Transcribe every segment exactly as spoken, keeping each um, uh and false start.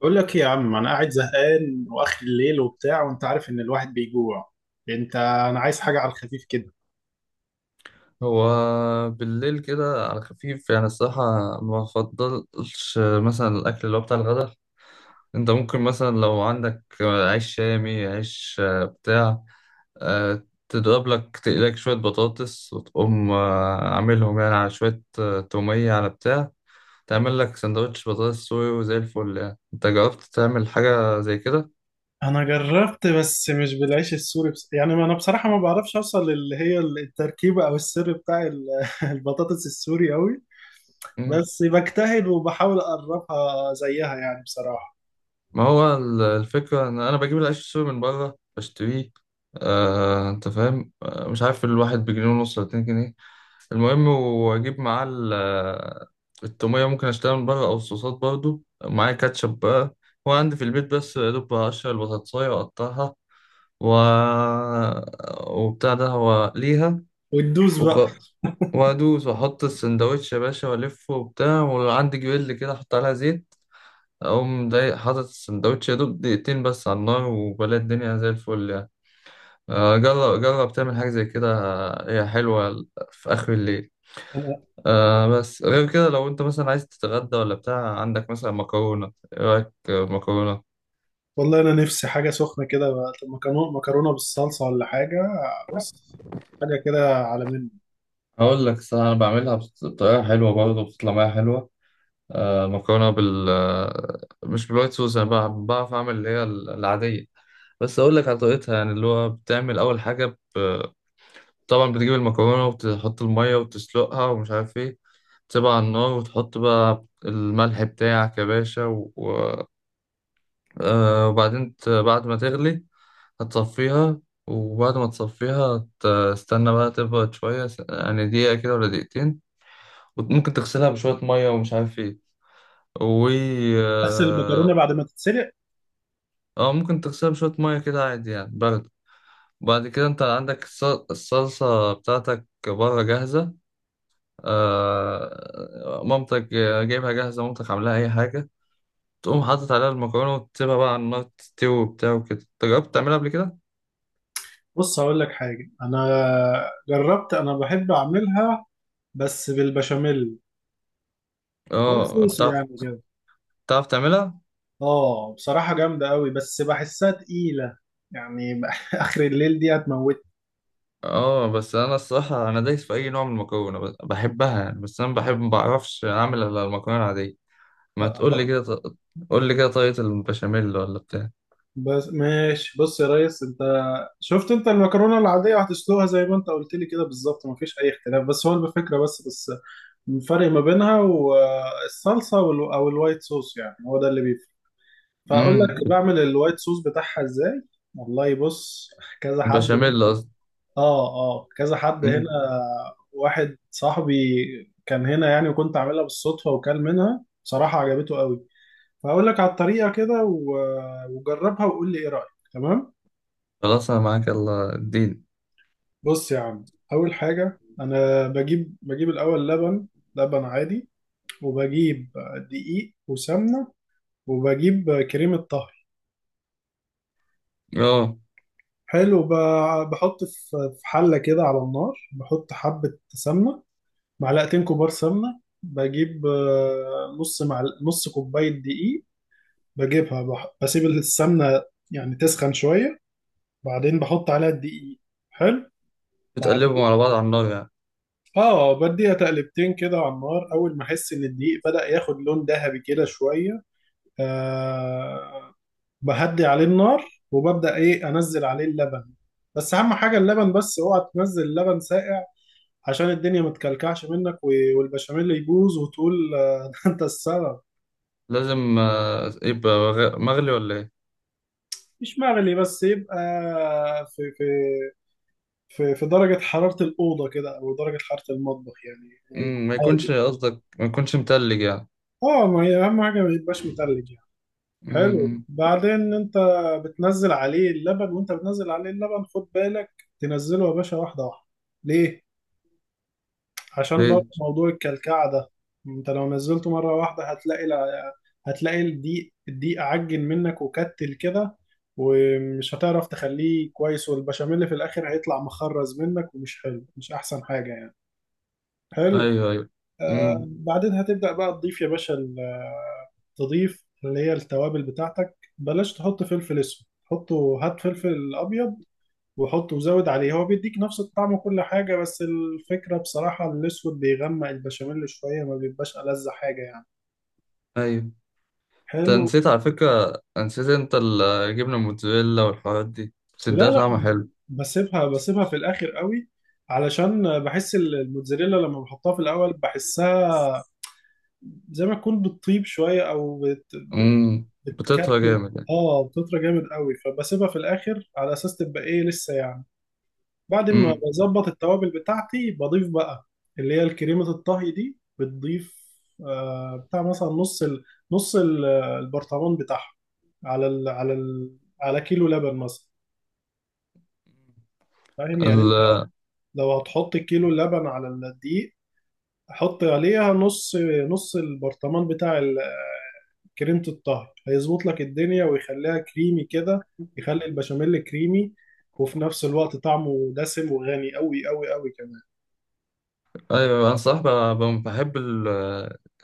بقول لك إيه يا عم، انا قاعد زهقان واخر الليل وبتاع، وانت عارف ان الواحد بيجوع. انت انا عايز حاجه على الخفيف كده. هو بالليل كده على خفيف يعني الصراحة. ما بفضلش مثلا الأكل اللي هو بتاع الغدا. أنت ممكن مثلا لو عندك عيش شامي عيش بتاع، آه، تضرب لك تقلك شوية بطاطس، وتقوم آه، عاملهم يعني على شوية آه، تومية على بتاع. تعمل لك سندوتش بطاطس صويا وزي الفل يعني. أنت جربت تعمل حاجة زي كده؟ انا جربت بس مش بالعيش السوري، بس يعني ما انا بصراحه ما بعرفش اوصل اللي هي التركيبه او السر بتاع ال- البطاطس السوري قوي. بس بجتهد وبحاول اقربها زيها يعني بصراحه. ما هو ال- الفكرة إن أنا بجيب العيش السوري من بره بشتريه. آه، أنت فاهم. آه، مش عارف الواحد بجنيه ونص ولا اتنين جنيه. المهم وأجيب معاه ال- آه، التومية ممكن أشتريها من بره، أو الصوصات برضو معايا كاتشب بقى هو عندي في البيت. بس يا دوب هقشر البطاطساية وأقطعها، و... وبتاع ده هو ليها. وتدوس بقى. وخلاص وأدوس وأحط السندوتش يا باشا وألفه وبتاع، وعندي جريل كده أحط عليها زيت. أقوم جاي حاطط السندوتش يا دوب دقيقتين بس على النار، وبلاقي الدنيا زي الفل يعني. آه، جرب جرب تعمل حاجة زي كده. آه، هي حلوة في آخر الليل. أنا آه بس غير كده، لو أنت مثلا عايز تتغدى ولا بتاع، عندك مثلا مكرونة. إيه رأيك آه، مكرونة؟ والله انا نفسي حاجه سخنه كده بقى. مكرونه مكرونه بالصلصه ولا حاجه. بص، حاجه كده على منه. هقول لك صح، أنا بعملها بط- بطريقة حلوة برضه، بتطلع معايا حلوة. آه مكرونة بال آه، مش بالوايت صوص. أنا بع- بعرف أعمل اللي هي العادية، بس أقول لك على طريقتها يعني. اللي هو بتعمل أول حاجة طبعا بتجيب المكرونة، وتحط المية وتسلقها ومش عارف ايه. تسيبها على النار، وتحط بقى الملح بتاعك يا باشا و... و- آه وبعدين ت- بعد ما تغلي هتصفيها. وبعد ما تصفيها تستنى بقى تبرد شوية، س- يعني دقيقة كده ولا دقيقتين. وممكن تغسلها بشوية مية، ومش عارف ايه و اغسل اه المكرونه بعد ما تتسلق. آه، ممكن تغسلها بشوية مية كده عادي يعني برد. وبعد كده انت عندك الص- الصلصة بتاعتك بره جاهزة. آه، مامتك جايبها جاهزة، مامتك عاملاها أي حاجة. تقوم حاطط عليها المكرونة، وتسيبها بقى على النار تستوي وبتاع وكده. أنت جربت تعملها قبل كده؟ بص هقول لك حاجة. أنا جربت، أنا بحب أعملها بس بالبشاميل اه والصوص بتعرف. يعني كده. بتعرف تعملها؟ آه، بصراحة جامدة أوي بس بحسها تقيلة يعني. آخر الليل دي هتموت. اه، بس أنا الصراحة أنا دايس في أي نوع من المكرونة، بس- بحبها يعني. بس أنا بحب ما بعرفش أعمل إلا المكرونة العادية. ما تقول لي كده، ط- قول لي كده طريقة البشاميل ولا بتاع. بس ماشي. بص يا ريس، أنت شفت أنت المكرونة العادية هتسلقها زي ما أنت قلت لي كده بالظبط، مفيش أي اختلاف. بس هو الفكرة بس بس الفرق ما بينها والصلصة وال- أو الوايت صوص، يعني هو ده اللي بيفرق. فاقول لك امم بعمل الوايت صوص بتاعها ازاي. والله بص، كذا حد البشاميل هنا. قصدي. اه اه، كذا حد هنا. أمم، واحد صاحبي كان هنا يعني، وكنت عاملها بالصدفه، وكل منها بصراحه عجبته قوي. فاقول لك على الطريقه كده و- وجربها وقول لي ايه رايك، تمام. خلاص أنا معاك، يلا اديني. بص يا عم، اول حاجه انا بجيب بجيب الاول لبن. لبن عادي. وبجيب دقيق وسمنه، وبجيب كريمه طهي. اه، حلو، ب- بحط في في حلة كده على النار. بحط حبة سمنة، معلقتين كبار سمنة. بجيب آه، نص معل... نص كوباية دقيق. بجيبها، بح... بسيب السمنة يعني تسخن شوية، بعدين بحط عليها الدقيق. حلو. بتقلبهم بعدين على بعض على النار يعني. اه بديها تقلبتين كده على النار، اول ما احس ان الدقيق بدأ ياخد لون ذهبي كده شوية، آه... بهدي عليه النار وببدأ ايه انزل عليه اللبن. بس اهم حاجة اللبن، بس اوعى تنزل اللبن ساقع، عشان الدنيا ما تكلكعش منك و- والبشاميل يبوظ وتقول آه، ده انت السبب. لازم آه، يبقى غ- مغلي ولا ايه؟ مش مغلي، بس يبقى في في في في درجة حرارة الأوضة كده، أو درجة حرارة المطبخ يعني، يكون مم، ما يكونش هادي. قصدك ما يكونش متلج يعني. اه، ما هي أهم حاجة ما يبقاش متلج يعني. حلو. مم. بعدين أنت بتنزل عليه اللبن، وأنت بتنزل عليه اللبن خد بالك تنزله يا باشا واحدة واحدة. ليه؟ عشان برضه ليه؟ موضوع الكلكعة ده. انت لو نزلته مرة واحدة هتلاقي، لا، هتلاقي الدقيق الدقيق عجن منك وكتل كده، ومش هتعرف تخليه كويس، والبشاميل في الآخر هيطلع مخرز منك ومش حلو، مش أحسن حاجة يعني. حلو. ايوه، ايوه، امم بعدين هتبدأ بقى تضيف يا باشا ال- تضيف اللي هي التوابل بتاعتك. بلاش تحط فلفل اسود، حطه هات فلفل أبيض وحط وزود عليه، هو بيديك نفس الطعم وكل حاجة، بس الفكرة بصراحة الأسود بيغمق البشاميل شوية، ما بيبقاش ألذ حاجة يعني. ايوه. انت حلو. نسيت، على فكره نسيت انت، الجبنه الموتزاريلا والحوارات دي بس لا اديها لا، طعم حلو. بسيبها بسيبها في الآخر قوي. علشان بحس ال- الموتزاريلا لما بحطها في الأول بحسها زي ما تكون بتطيب شوية، أو بت... امم بتطهى بتكتل. جامد يعني. اه، بتطرى جامد قوي. فبسيبها في الآخر على أساس تبقى إيه لسه يعني. بعد ما امم بظبط التوابل بتاعتي بضيف بقى اللي هي الكريمة الطهي دي بتضيف. آه، بتاع مثلا نص ال... نص ال- البرطمان بتاعها، على ال... على ال... على كيلو لبن مثلا. فاهم يعني انت؟ ال... لو هتحط كيلو لبن على الدقيق، حط عليها نص، نص البرطمان بتاع ال- آه، كريمة الطهي هيظبط لك الدنيا ويخليها كريمي كده، يخلي البشاميل كريمي، وفي نفس الوقت طعمه دسم وغني قوي قوي قوي كمان. ايوه، انا صراحه ب- ب- بحب ال...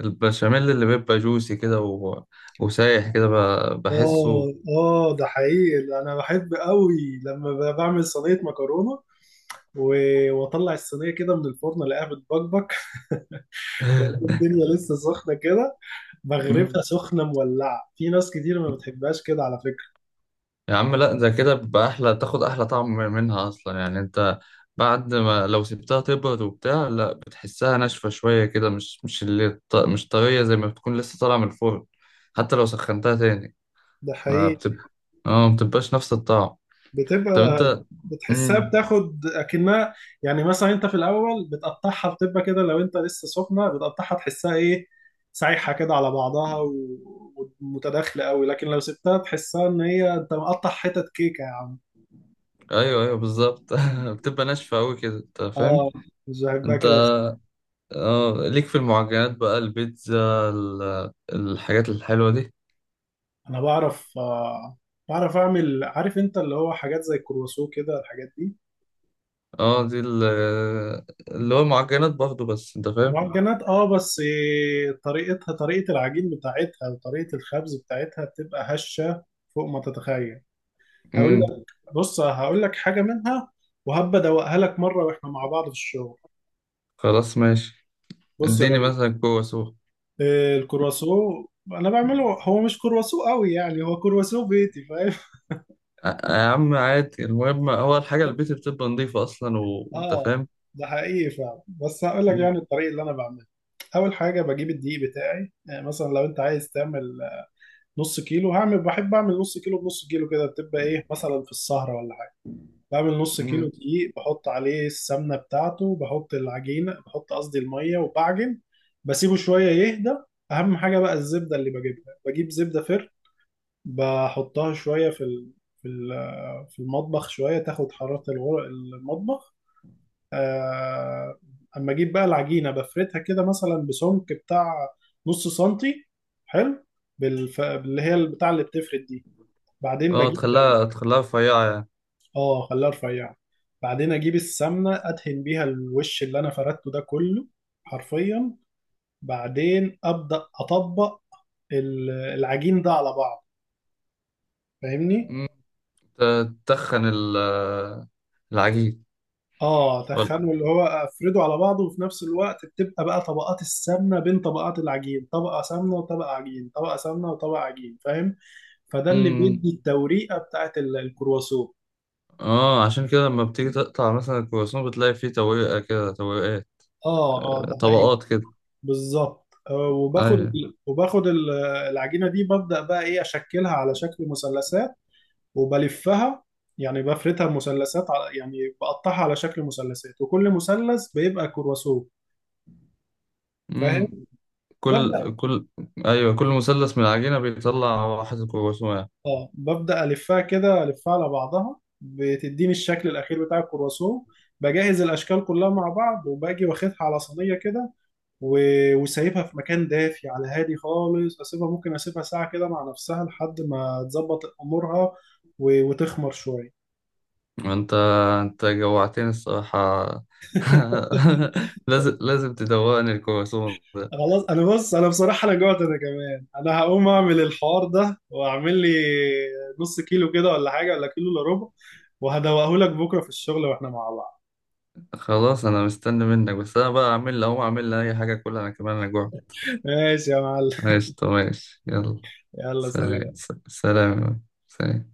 البشاميل اللي بيبقى جوسي كده، و... وسايح كده، ب... بحسه. اه اه، ده حقيقي. انا بحب قوي لما ب- بعمل صينيه مكرونه، و- واطلع الصينيه كده من الفرن الاقيها بتبكبك. وألاقي الدنيا لسه سخنه كده، بغرفها مم. سخنه مولعه. في ناس كتير ما بتحبهاش كده على فكره. يا عم لا، ده كده بيبقى احلى، تاخد احلى طعم منها اصلا يعني. انت بعد ما لو سبتها تبرد وبتاع، لا، بتحسها ناشفه شويه كده، مش مش اللي ط- مش طريه زي ما بتكون لسه طالعه من الفرن. حتى لو سخنتها تاني ده ما حقيقي. بتبقى، اه ما بتبقاش نفس الطعم. طب بتبقى انت. بتحسها امم بتاخد اكنها، يعني مثلا انت في الاول بتقطعها بتبقى كده، لو انت لسه سخنه بتقطعها تحسها ايه، سايحه كده على بعضها و- ومتداخله قوي. لكن لو سبتها تحسها ان هي انت مقطع حتت كيكه يا عم. ايوه، ايوه، بالظبط. بتبقى ناشفه قوي كده، انت فاهم. اه، مش بحبها انت، كده بس. اه ليك في المعجنات بقى، البيتزا ال- الحاجات الحلوه دي؟ انا بعرف، آه، بعرف اعمل. عارف انت اللي هو حاجات زي الكرواسون كده، الحاجات دي اه، دي ال- اللي هو معجنات برضه، بس انت فاهم. معجنات. اه بس آه، طريقتها، طريقه العجين بتاعتها وطريقه الخبز بتاعتها، بتبقى هشه فوق ما تتخيل. هقول امم بص هقول لك حاجة منها، وهبقى ادوقها لك مرة واحنا مع بعض في الشغل. خلاص ماشي. بص يا اديني ريس، مثلا كوسه سوق. آه، الكرواسون انا بعمله هو مش كرواسون قوي يعني، هو كرواسون بيتي، فاهم. أ- يا عم عادي، المهم هو الحاجة البيت بتبقى نظيفة أصلا، و- وأنت اه، فاهم. ده حقيقي فعلا. بس هقول لك مم. يعني الطريقة اللي انا بعملها. اول حاجة بجيب الدقيق بتاعي. يعني مثلا لو انت عايز تعمل آه، نص كيلو، هعمل بحب اعمل نص كيلو، بنص كيلو كده بتبقى ايه مثلا في السهرة ولا. بعمل نص كيلو مم. دقيق، بحط عليه السمنة بتاعته، بحط العجينة، بحط قصدي المية وبعجن. بسيبه شوية يهدى. أهم حاجة بقى الزبدة، اللي بجيبها بجيب زبدة فر. بحطها شوية في ال... في ال... في المطبخ شوية تاخد حرارة الغر... المطبخ. آه، أما أجيب بقى العجينة بفردها كده مثلا بسمك بتاع نص سنتي. حلو. بالف... اللي هي البتاع اللي بتفرد دي. بعدين اه، بجيب. تخليها تخليها رفيعة يعني. اه، خليها رفيعة. بعدين اجيب السمنة، ادهن بيها الوش اللي انا فردته ده كله حرفيا. بعدين ابدا اطبق ال- العجين ده على بعض، فاهمني. مم. ت- تتخن ال- العجين. اه، وال- تخنه اللي هو افرده على بعضه، وفي نفس الوقت بتبقى بقى طبقات السمنة بين طبقات العجين، طبقة سمنة وطبقة عجين، طبقة سمنة وطبقة عجين، فاهم. فده اللي بيدي مم. التوريقة بتاعت ال- الكرواسون. اه، عشان كده لما بتيجي تقطع مثلا الكرواسون بتلاقي فيه تويقة كده تويقات. اه اه، آه، ده حقيقي. طبقات كده. بالظبط، آه، وباخد أيوة. وباخد ال- العجينه دي، ببدا بقى ايه اشكلها على شكل مثلثات وبلفها. يعني بفردها مثلثات على- يعني بقطعها على شكل مثلثات، وكل مثلث بيبقى كرواسون، فاهم. مم. ببدا كل كل أيوة، كل مثلث من العجينة بيطلع واحد كرواسون. اه ببدا الفها كده، الفها على بعضها، بتديني الشكل الاخير بتاع الكرواسون. بجهز الاشكال كلها مع بعض، وباجي واخدها على صينيه كده و- وسايبها في مكان دافي على هادي خالص، اسيبها ممكن اسيبها ساعة كده مع نفسها لحد ما تظبط امورها و- وتخمر شوية. انت انت جوعتني الصراحة. لازم لازم تدوقني الكرواسون ده. خلاص. انا بص، انا بصراحة انا جوعت، انا كمان انا هقوم اعمل الحوار ده واعمل لي نص كيلو كده ولا حاجة، ولا كيلو الا ربع. وهدوقهولك بكرة في الشغل واحنا مع بعض. خلاص، انا مستني منك. بس انا بقى اعمل لي اهو، اعمل لي اي حاجة كلها، انا كمان انا جوعت. ماشي يا معلم. ماشي، طب ماشي، يلا يلا سلام. سلام. سلام يا مان. سلام.